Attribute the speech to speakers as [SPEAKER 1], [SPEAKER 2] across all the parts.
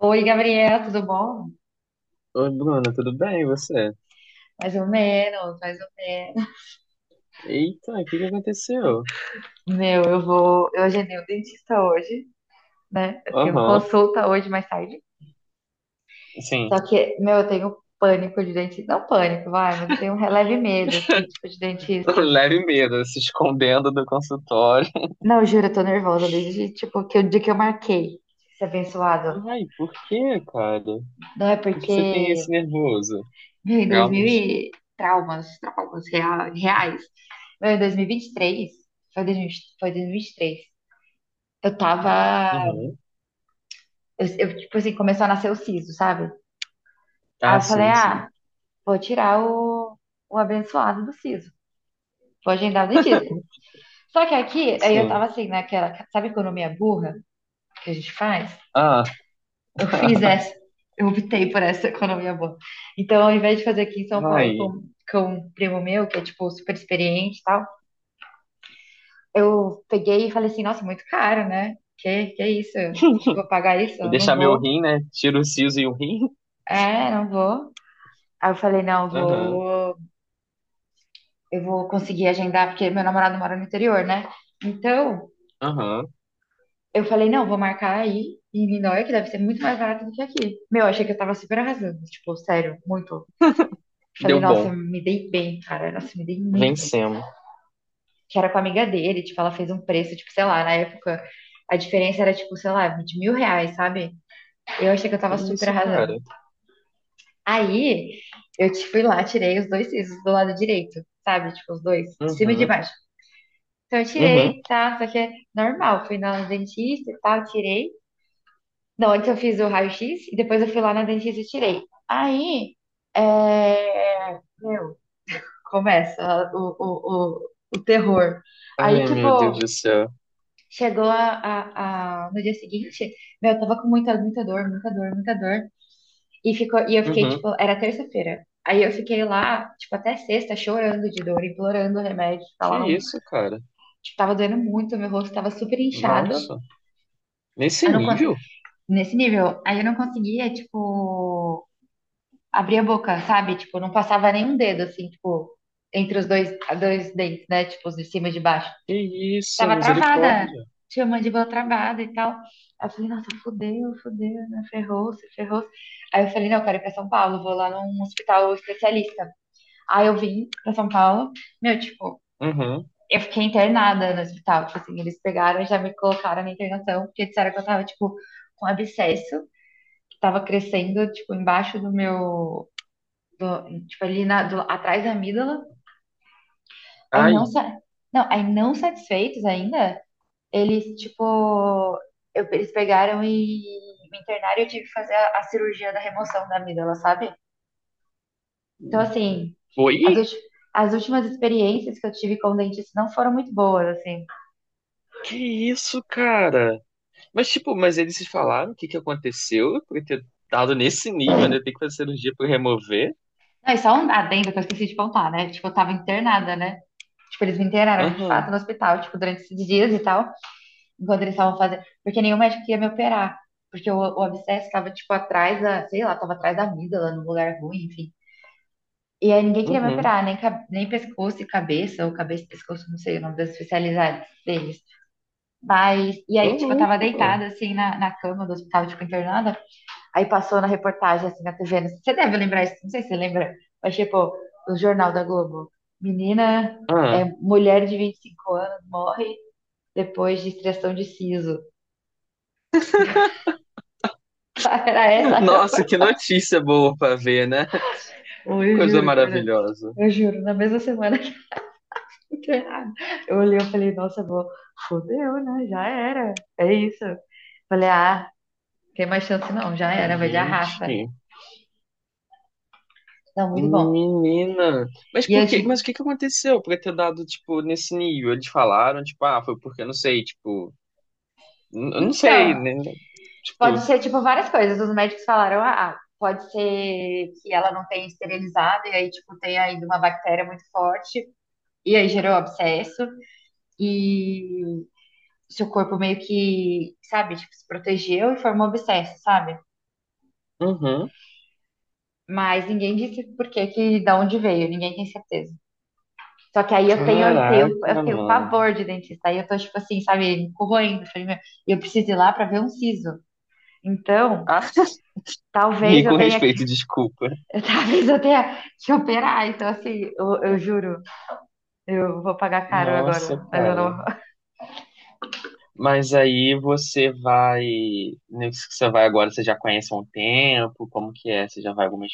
[SPEAKER 1] Oi, Gabriel, tudo bom?
[SPEAKER 2] Oi, Bruna, tudo bem? E você?
[SPEAKER 1] Mais ou menos, mais ou menos.
[SPEAKER 2] Eita, o que que aconteceu?
[SPEAKER 1] Meu, eu vou. eu agendei o dentista hoje, né? Eu tenho
[SPEAKER 2] Aham,
[SPEAKER 1] consulta hoje mais tarde.
[SPEAKER 2] sim.
[SPEAKER 1] Só que, meu, eu tenho pânico de dentista. Não pânico, vai, mas eu tenho um releve medo, assim, tipo, de dentistas.
[SPEAKER 2] Leve medo, se escondendo do consultório.
[SPEAKER 1] Não, eu juro, eu tô nervosa desde, tipo, que o dia que eu marquei. Esse abençoado.
[SPEAKER 2] Ai, por que, cara?
[SPEAKER 1] Não é
[SPEAKER 2] Por que você tem
[SPEAKER 1] porque,
[SPEAKER 2] esse nervoso?
[SPEAKER 1] meu, em 2000
[SPEAKER 2] Traumas?
[SPEAKER 1] e... Traumas, reais. Meu, em 2023, foi 2023. Eu tava
[SPEAKER 2] Uhum.
[SPEAKER 1] eu tipo assim, começou a nascer o siso, sabe? Aí
[SPEAKER 2] Ah,
[SPEAKER 1] eu falei,
[SPEAKER 2] sim, sim.
[SPEAKER 1] ah, vou tirar o abençoado do siso. Vou agendar o dentista. Só que aqui, aí eu tava
[SPEAKER 2] Sim.
[SPEAKER 1] assim, naquela, sabe, economia burra que a gente faz?
[SPEAKER 2] Ah,
[SPEAKER 1] Eu fiz essa, eu optei por essa economia burra. Então, ao invés de fazer aqui em São Paulo
[SPEAKER 2] ai.
[SPEAKER 1] com um primo meu, que é, tipo, super experiente e tal, eu peguei e falei assim, nossa, muito caro, né? Que isso? Acho que vou pagar isso?
[SPEAKER 2] Vou
[SPEAKER 1] Eu não
[SPEAKER 2] deixar meu
[SPEAKER 1] vou.
[SPEAKER 2] rim, né? Tiro o siso e o rim.
[SPEAKER 1] É, não vou. Aí eu falei, não,
[SPEAKER 2] Aham,
[SPEAKER 1] vou eu vou conseguir agendar, porque meu namorado mora no interior, né? Então,
[SPEAKER 2] aham.
[SPEAKER 1] eu falei, não, vou marcar aí em Niterói, que deve ser muito mais barato do que aqui. Meu, achei que eu tava super arrasando, tipo, sério, muito. Falei,
[SPEAKER 2] Deu
[SPEAKER 1] nossa,
[SPEAKER 2] bom.
[SPEAKER 1] me dei bem, cara, nossa, me dei muito bem.
[SPEAKER 2] Vencemos.
[SPEAKER 1] Que era com a amiga dele, tipo, ela fez um preço, tipo, sei lá, na época, a diferença era, tipo, sei lá, de mil reais, sabe? Eu achei que eu
[SPEAKER 2] Que
[SPEAKER 1] tava super
[SPEAKER 2] isso,
[SPEAKER 1] arrasando.
[SPEAKER 2] cara?
[SPEAKER 1] Aí, eu te fui lá, tirei os dois sisos do lado direito, sabe? Tipo, os dois, de cima e de
[SPEAKER 2] Uhum,
[SPEAKER 1] baixo. Então eu
[SPEAKER 2] uhum.
[SPEAKER 1] tirei, tá? Só que é normal. Fui na dentista e tal, tirei. Não, antes eu fiz o raio-x e depois eu fui lá na dentista e tirei. Aí, é... meu, começa o terror. Aí,
[SPEAKER 2] Ai, meu
[SPEAKER 1] tipo,
[SPEAKER 2] Deus do céu.
[SPEAKER 1] chegou no dia seguinte, meu, eu tava com muita, muita dor, muita dor, muita dor. E eu fiquei,
[SPEAKER 2] Uhum.
[SPEAKER 1] tipo, era terça-feira. Aí eu fiquei lá, tipo, até sexta, chorando de dor, implorando o remédio. Tipo,
[SPEAKER 2] Que
[SPEAKER 1] ela não,
[SPEAKER 2] isso, cara?
[SPEAKER 1] tipo, tava doendo muito, meu rosto tava super inchado.
[SPEAKER 2] Nossa, nesse
[SPEAKER 1] Eu não
[SPEAKER 2] nível?
[SPEAKER 1] nesse nível. Aí eu não conseguia, tipo, abrir a boca, sabe? Tipo, não passava nenhum dedo, assim, tipo, entre dois dentes, né? Tipo, os de cima e de baixo.
[SPEAKER 2] Que isso,
[SPEAKER 1] Tava travada,
[SPEAKER 2] misericórdia.
[SPEAKER 1] tinha a mandíbula travada e tal. Aí eu falei, nossa, fudeu, fudeu, né? Ferrou-se, ferrou. Aí eu falei, não, eu quero ir pra São Paulo, vou lá num hospital especialista. Aí eu vim pra São Paulo, meu, tipo,
[SPEAKER 2] Uhum.
[SPEAKER 1] eu fiquei internada no hospital. Tipo assim, eles pegaram e já me colocaram na internação, porque disseram que eu tava, tipo, com abscesso, tava crescendo, tipo, embaixo tipo, ali atrás da amígdala. Aí
[SPEAKER 2] Ai.
[SPEAKER 1] não, sa- não, aí não satisfeitos ainda, eles, tipo, eles pegaram e me internaram e eu tive que fazer a cirurgia da remoção da amígdala, sabe? Então, assim, as,
[SPEAKER 2] Oi?
[SPEAKER 1] ulti- as últimas experiências que eu tive com dentista não foram muito boas, assim.
[SPEAKER 2] Que isso, cara? Mas, tipo, mas eles se falaram o que que aconteceu por ter dado nesse nível, né? Tem que fazer cirurgia pra remover?
[SPEAKER 1] Não, e só um adendo que eu esqueci de contar, né? Tipo, eu tava internada, né? Tipo, eles me internaram de fato
[SPEAKER 2] Aham,
[SPEAKER 1] no hospital, tipo, durante esses dias e tal, enquanto eles estavam fazendo. Porque nenhum médico queria me operar. Porque o abscesso estava, tipo, atrás da, sei lá, tava atrás da amígdala, num lugar ruim, enfim. E aí ninguém queria me
[SPEAKER 2] uhum.
[SPEAKER 1] operar, nem pescoço e cabeça, ou cabeça e pescoço, não sei o nome das especialidades deles. Mas, e aí,
[SPEAKER 2] Tô
[SPEAKER 1] tipo, eu tava
[SPEAKER 2] louco.
[SPEAKER 1] deitada, assim, na cama do hospital, tipo, internada. Aí passou na reportagem, assim, na TV. Não Você deve lembrar isso, não sei se você lembra, mas, tipo, no Jornal da Globo. Menina, é,
[SPEAKER 2] Ah.
[SPEAKER 1] mulher de 25 anos morre depois de extração de siso. Tipo, era essa a
[SPEAKER 2] Nossa,
[SPEAKER 1] reportagem.
[SPEAKER 2] que notícia boa pra ver, né?
[SPEAKER 1] Ou
[SPEAKER 2] Que
[SPEAKER 1] eu
[SPEAKER 2] coisa
[SPEAKER 1] juro, Fernanda.
[SPEAKER 2] maravilhosa.
[SPEAKER 1] Eu juro, na mesma semana que eu entrei, eu olhei e falei, nossa, vou, fodeu, né? Já era. É isso. Falei, ah, tem mais chance não, já era, vai de arrasta.
[SPEAKER 2] Gente.
[SPEAKER 1] Não, muito bom.
[SPEAKER 2] Menina, mas
[SPEAKER 1] E
[SPEAKER 2] por
[SPEAKER 1] eu
[SPEAKER 2] quê?
[SPEAKER 1] tipo,
[SPEAKER 2] Mas o que que aconteceu pra ter dado, tipo, nesse nível? Eles falaram, tipo, ah, foi porque, eu não sei, tipo, eu não sei,
[SPEAKER 1] então,
[SPEAKER 2] né?
[SPEAKER 1] pode
[SPEAKER 2] Tipo,
[SPEAKER 1] ser tipo várias coisas. Os médicos falaram, ah, pode ser que ela não tenha esterilizado e aí, tipo, tenha ainda uma bactéria muito forte. E aí gerou abscesso. E seu corpo meio que, sabe, tipo, se protegeu e formou abscesso, sabe?
[SPEAKER 2] uhum.
[SPEAKER 1] Mas ninguém disse por que, que da onde veio, ninguém tem certeza. Só que aí
[SPEAKER 2] Caraca,
[SPEAKER 1] eu tenho
[SPEAKER 2] mano.
[SPEAKER 1] pavor de dentista. Aí eu tô, tipo assim, sabe, corroendo. Falei, meu, eu preciso ir lá pra ver um siso. Então,
[SPEAKER 2] Ah, e
[SPEAKER 1] talvez eu
[SPEAKER 2] com
[SPEAKER 1] tenha que,
[SPEAKER 2] respeito, desculpa.
[SPEAKER 1] talvez eu tenha que operar. Então, assim, eu juro, eu vou pagar caro
[SPEAKER 2] Nossa,
[SPEAKER 1] agora, mas eu
[SPEAKER 2] cara.
[SPEAKER 1] não.
[SPEAKER 2] Mas aí você vai, Nesse que você vai agora, você já conhece há um tempo? Como que é? Você já vai algumas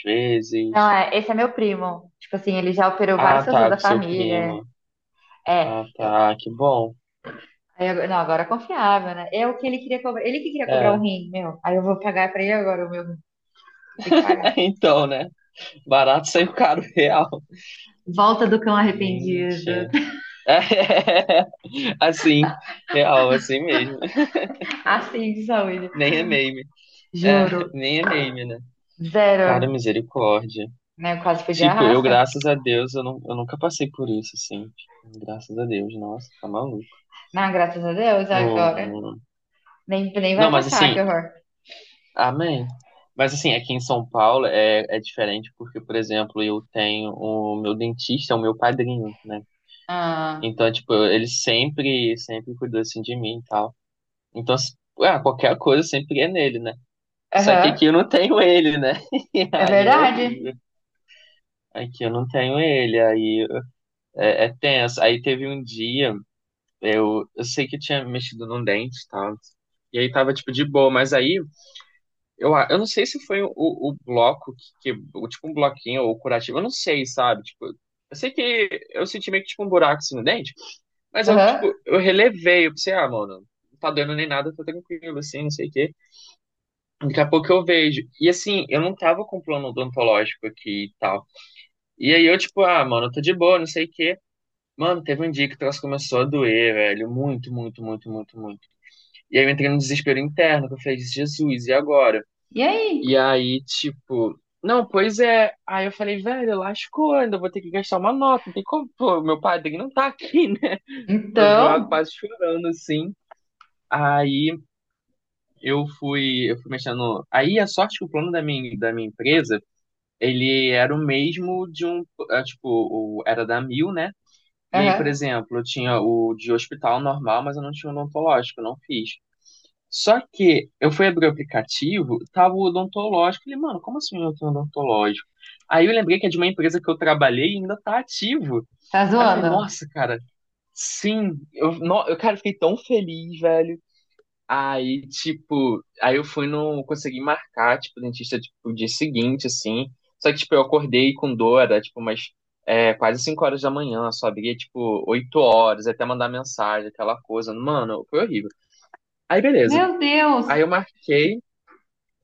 [SPEAKER 1] Não,
[SPEAKER 2] vezes?
[SPEAKER 1] é, esse é meu primo. Tipo assim, ele já operou várias
[SPEAKER 2] Ah,
[SPEAKER 1] pessoas
[SPEAKER 2] tá,
[SPEAKER 1] da
[SPEAKER 2] com seu
[SPEAKER 1] família.
[SPEAKER 2] primo.
[SPEAKER 1] É,
[SPEAKER 2] Ah, tá, que bom.
[SPEAKER 1] aí agora- não, agora é confiável, né? É o que ele queria cobrar. Ele que queria cobrar um
[SPEAKER 2] É,
[SPEAKER 1] rim, meu. Aí eu vou pagar pra ele agora o meu rim. Eu tenho que pagar.
[SPEAKER 2] então, né? Barato saiu caro, real.
[SPEAKER 1] Volta do cão arrependido.
[SPEAKER 2] Gente. É, assim, real, assim mesmo.
[SPEAKER 1] Assim de saúde.
[SPEAKER 2] Nem é meme. É,
[SPEAKER 1] Juro.
[SPEAKER 2] nem é meme, né? Cara,
[SPEAKER 1] Zero.
[SPEAKER 2] misericórdia.
[SPEAKER 1] Né? Eu quase fui de
[SPEAKER 2] Tipo, eu,
[SPEAKER 1] arrasta.
[SPEAKER 2] graças a Deus, eu, não, eu nunca passei por isso, assim. Tipo, graças a Deus, nossa, tá maluco.
[SPEAKER 1] Não, graças a Deus, agora.
[SPEAKER 2] Hum.
[SPEAKER 1] Nem, nem
[SPEAKER 2] Não,
[SPEAKER 1] vai
[SPEAKER 2] mas
[SPEAKER 1] passar,
[SPEAKER 2] assim,
[SPEAKER 1] que horror.
[SPEAKER 2] amém. Mas assim, aqui em São Paulo é, diferente porque, por exemplo, eu tenho o meu dentista, é o meu padrinho, né?
[SPEAKER 1] Ah,
[SPEAKER 2] Então, tipo, ele sempre, sempre cuidou assim de mim e tal. Então, ah, qualquer coisa sempre é nele, né? Só que aqui
[SPEAKER 1] aham.
[SPEAKER 2] eu não tenho ele, né?
[SPEAKER 1] É
[SPEAKER 2] Aí é
[SPEAKER 1] verdade.
[SPEAKER 2] horrível. Aqui eu não tenho ele, aí é, tenso. Aí teve um dia, eu sei que eu tinha mexido num dente e tal. E aí tava, tipo, de boa, mas aí eu não sei se foi o bloco que, tipo, um bloquinho ou curativo, eu não sei, sabe? Tipo, eu sei que eu senti meio que, tipo, um buraco assim no dente, mas eu,
[SPEAKER 1] Aham.
[SPEAKER 2] tipo, eu relevei, eu pensei, ah, mano, não tá doendo nem nada, tá tranquilo, assim, não sei o quê. Daqui a pouco eu vejo. E assim, eu não tava com plano odontológico aqui e tal. E aí eu, tipo, ah, mano, eu tô de boa, não sei o quê. Mano, teve um dia que o troço começou a doer, velho. Muito, muito, muito, muito, muito. E aí eu entrei num desespero interno, que eu falei, Jesus, e agora?
[SPEAKER 1] E aí?
[SPEAKER 2] E aí, tipo, não, pois é. Aí eu falei, velho, lascou, ainda vou ter que gastar uma nota. Não tem como, pô, meu padrinho não tá aqui, né? Eu já
[SPEAKER 1] Então?
[SPEAKER 2] quase chorando, assim. Aí eu fui mexendo. Aí a sorte que o plano da minha empresa. Ele era o mesmo de um, tipo, era da Mil, né? E aí, por
[SPEAKER 1] Aham.
[SPEAKER 2] exemplo, eu tinha o de hospital normal, mas eu não tinha odontológico, eu não fiz. Só que eu fui abrir o aplicativo, tava o odontológico. Falei, mano, como assim eu não tenho odontológico? Aí eu lembrei que é de uma empresa que eu trabalhei e ainda tá ativo.
[SPEAKER 1] Tá
[SPEAKER 2] Aí eu falei,
[SPEAKER 1] zoando?
[SPEAKER 2] nossa, cara, sim. Eu, no, eu, cara, fiquei tão feliz, velho. Aí, tipo, aí eu fui no, consegui marcar, tipo, dentista, tipo, o dia seguinte, assim. Só que, tipo, eu acordei com dor, era, tipo, umas quase 5 horas da manhã, só abria, tipo, 8 horas, até mandar mensagem, aquela coisa. Mano, foi horrível. Aí, beleza.
[SPEAKER 1] Meu Deus.
[SPEAKER 2] Aí eu marquei,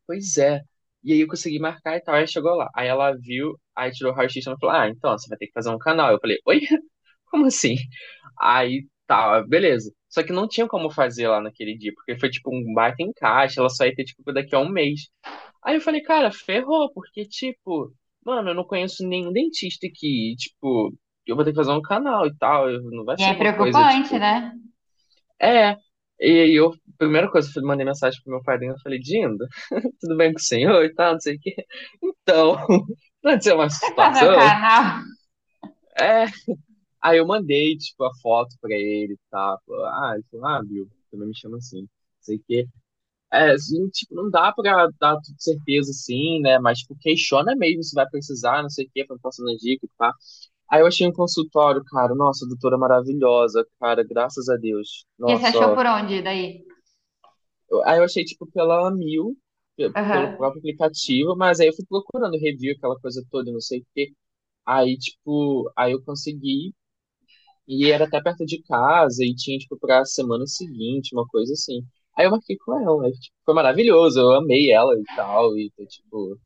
[SPEAKER 2] pois é. E aí eu consegui marcar e tal, aí chegou lá. Aí ela viu, aí tirou o raio-x e ela falou, ah, então, você vai ter que fazer um canal. Eu falei, oi? Como assim? Aí tá, beleza. Só que não tinha como fazer lá naquele dia, porque foi tipo um baita encaixe, ela só ia ter tipo daqui a um mês. Aí eu falei, cara, ferrou, porque tipo, mano, eu não conheço nenhum dentista que, tipo, eu vou ter que fazer um canal e tal, não vai
[SPEAKER 1] E
[SPEAKER 2] ser
[SPEAKER 1] é
[SPEAKER 2] uma coisa,
[SPEAKER 1] preocupante,
[SPEAKER 2] tipo,
[SPEAKER 1] né?
[SPEAKER 2] é. E aí eu, primeira coisa, eu mandei mensagem pro meu padrinho, eu falei, Dindo, tudo bem com o senhor e tal, não sei o quê. Então, não aconteceu uma
[SPEAKER 1] Tem que fazer o
[SPEAKER 2] situação?
[SPEAKER 1] canal.
[SPEAKER 2] É. Aí eu mandei, tipo, a foto pra ele e tal. Falou, ah, ele falou, ah, viu, também me chama assim, não sei o quê. É, assim, tipo, não dá pra dar tudo certeza assim, né? Mas, tipo, questiona mesmo se vai precisar, não sei o quê, pra passando as dicas e pá. Aí eu achei um consultório, cara, nossa, doutora maravilhosa, cara, graças a Deus.
[SPEAKER 1] E você
[SPEAKER 2] Nossa,
[SPEAKER 1] achou por onde daí?
[SPEAKER 2] Aí eu achei, tipo, pela Mil, pelo
[SPEAKER 1] Aham.
[SPEAKER 2] próprio aplicativo, mas aí eu fui procurando review, aquela coisa toda, não sei o quê. Aí, tipo, aí eu consegui, e era até perto de casa, e tinha, tipo, pra semana seguinte, uma coisa assim. Aí eu marquei com ela, aí, tipo, foi maravilhoso, eu amei ela e tal, e, tô, tipo,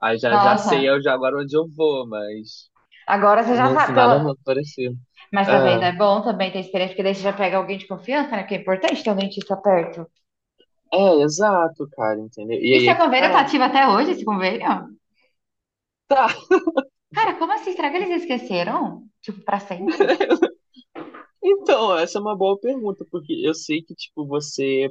[SPEAKER 2] aí já, já sei
[SPEAKER 1] Nossa,
[SPEAKER 2] eu já agora onde eu vou, mas
[SPEAKER 1] agora você já
[SPEAKER 2] não foi
[SPEAKER 1] sabe
[SPEAKER 2] nada
[SPEAKER 1] pela...
[SPEAKER 2] parecido.
[SPEAKER 1] Mas
[SPEAKER 2] É,
[SPEAKER 1] tá vendo, é bom também ter experiência, porque daí você já pega alguém de confiança, né? Porque é importante ter um dentista perto.
[SPEAKER 2] é, exato, cara, entendeu? E
[SPEAKER 1] E
[SPEAKER 2] aí
[SPEAKER 1] seu
[SPEAKER 2] é que
[SPEAKER 1] convênio tá
[SPEAKER 2] tá.
[SPEAKER 1] ativo até hoje, esse convênio?
[SPEAKER 2] Tá.
[SPEAKER 1] Cara, como assim? Será que eles esqueceram? Tipo, pra sempre?
[SPEAKER 2] Então, essa é uma boa pergunta, porque eu sei que, tipo, você.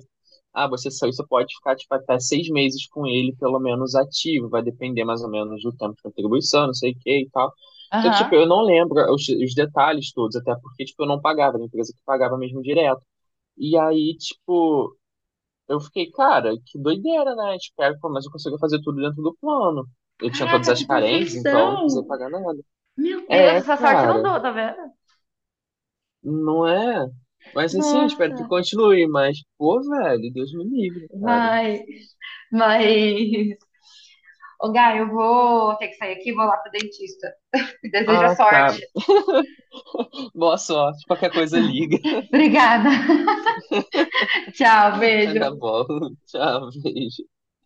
[SPEAKER 2] Ah, você saiu, você pode ficar, tipo, até 6 meses com ele, pelo menos ativo, vai depender mais ou menos do tempo de contribuição, não sei o que e tal. Só que, tipo,
[SPEAKER 1] Aham.
[SPEAKER 2] eu não lembro os detalhes todos, até porque, tipo, eu não pagava, era a empresa que pagava mesmo direto. E aí, tipo, eu fiquei, cara, que doideira, né? Espero que pelo menos eu consiga fazer tudo dentro do plano. Eu tinha todas
[SPEAKER 1] Caraca,
[SPEAKER 2] as
[SPEAKER 1] que
[SPEAKER 2] carências, então eu não precisei
[SPEAKER 1] perfeição!
[SPEAKER 2] pagar nada.
[SPEAKER 1] Meu Deus,
[SPEAKER 2] É,
[SPEAKER 1] essa sorte eu não
[SPEAKER 2] cara.
[SPEAKER 1] dou, tá vendo?
[SPEAKER 2] Não é? Mas assim, espero que
[SPEAKER 1] Nossa,
[SPEAKER 2] continue. Mas, pô, velho, Deus me livre, cara.
[SPEAKER 1] vai, mas... Ô, Gá, eu vou ter que sair aqui, vou lá pro dentista. Desejo a
[SPEAKER 2] Ah,
[SPEAKER 1] sorte.
[SPEAKER 2] tá. Boa sorte. Qualquer coisa, liga.
[SPEAKER 1] Obrigada. Tchau,
[SPEAKER 2] Vai dar
[SPEAKER 1] beijo.
[SPEAKER 2] bola. Tchau, beijo.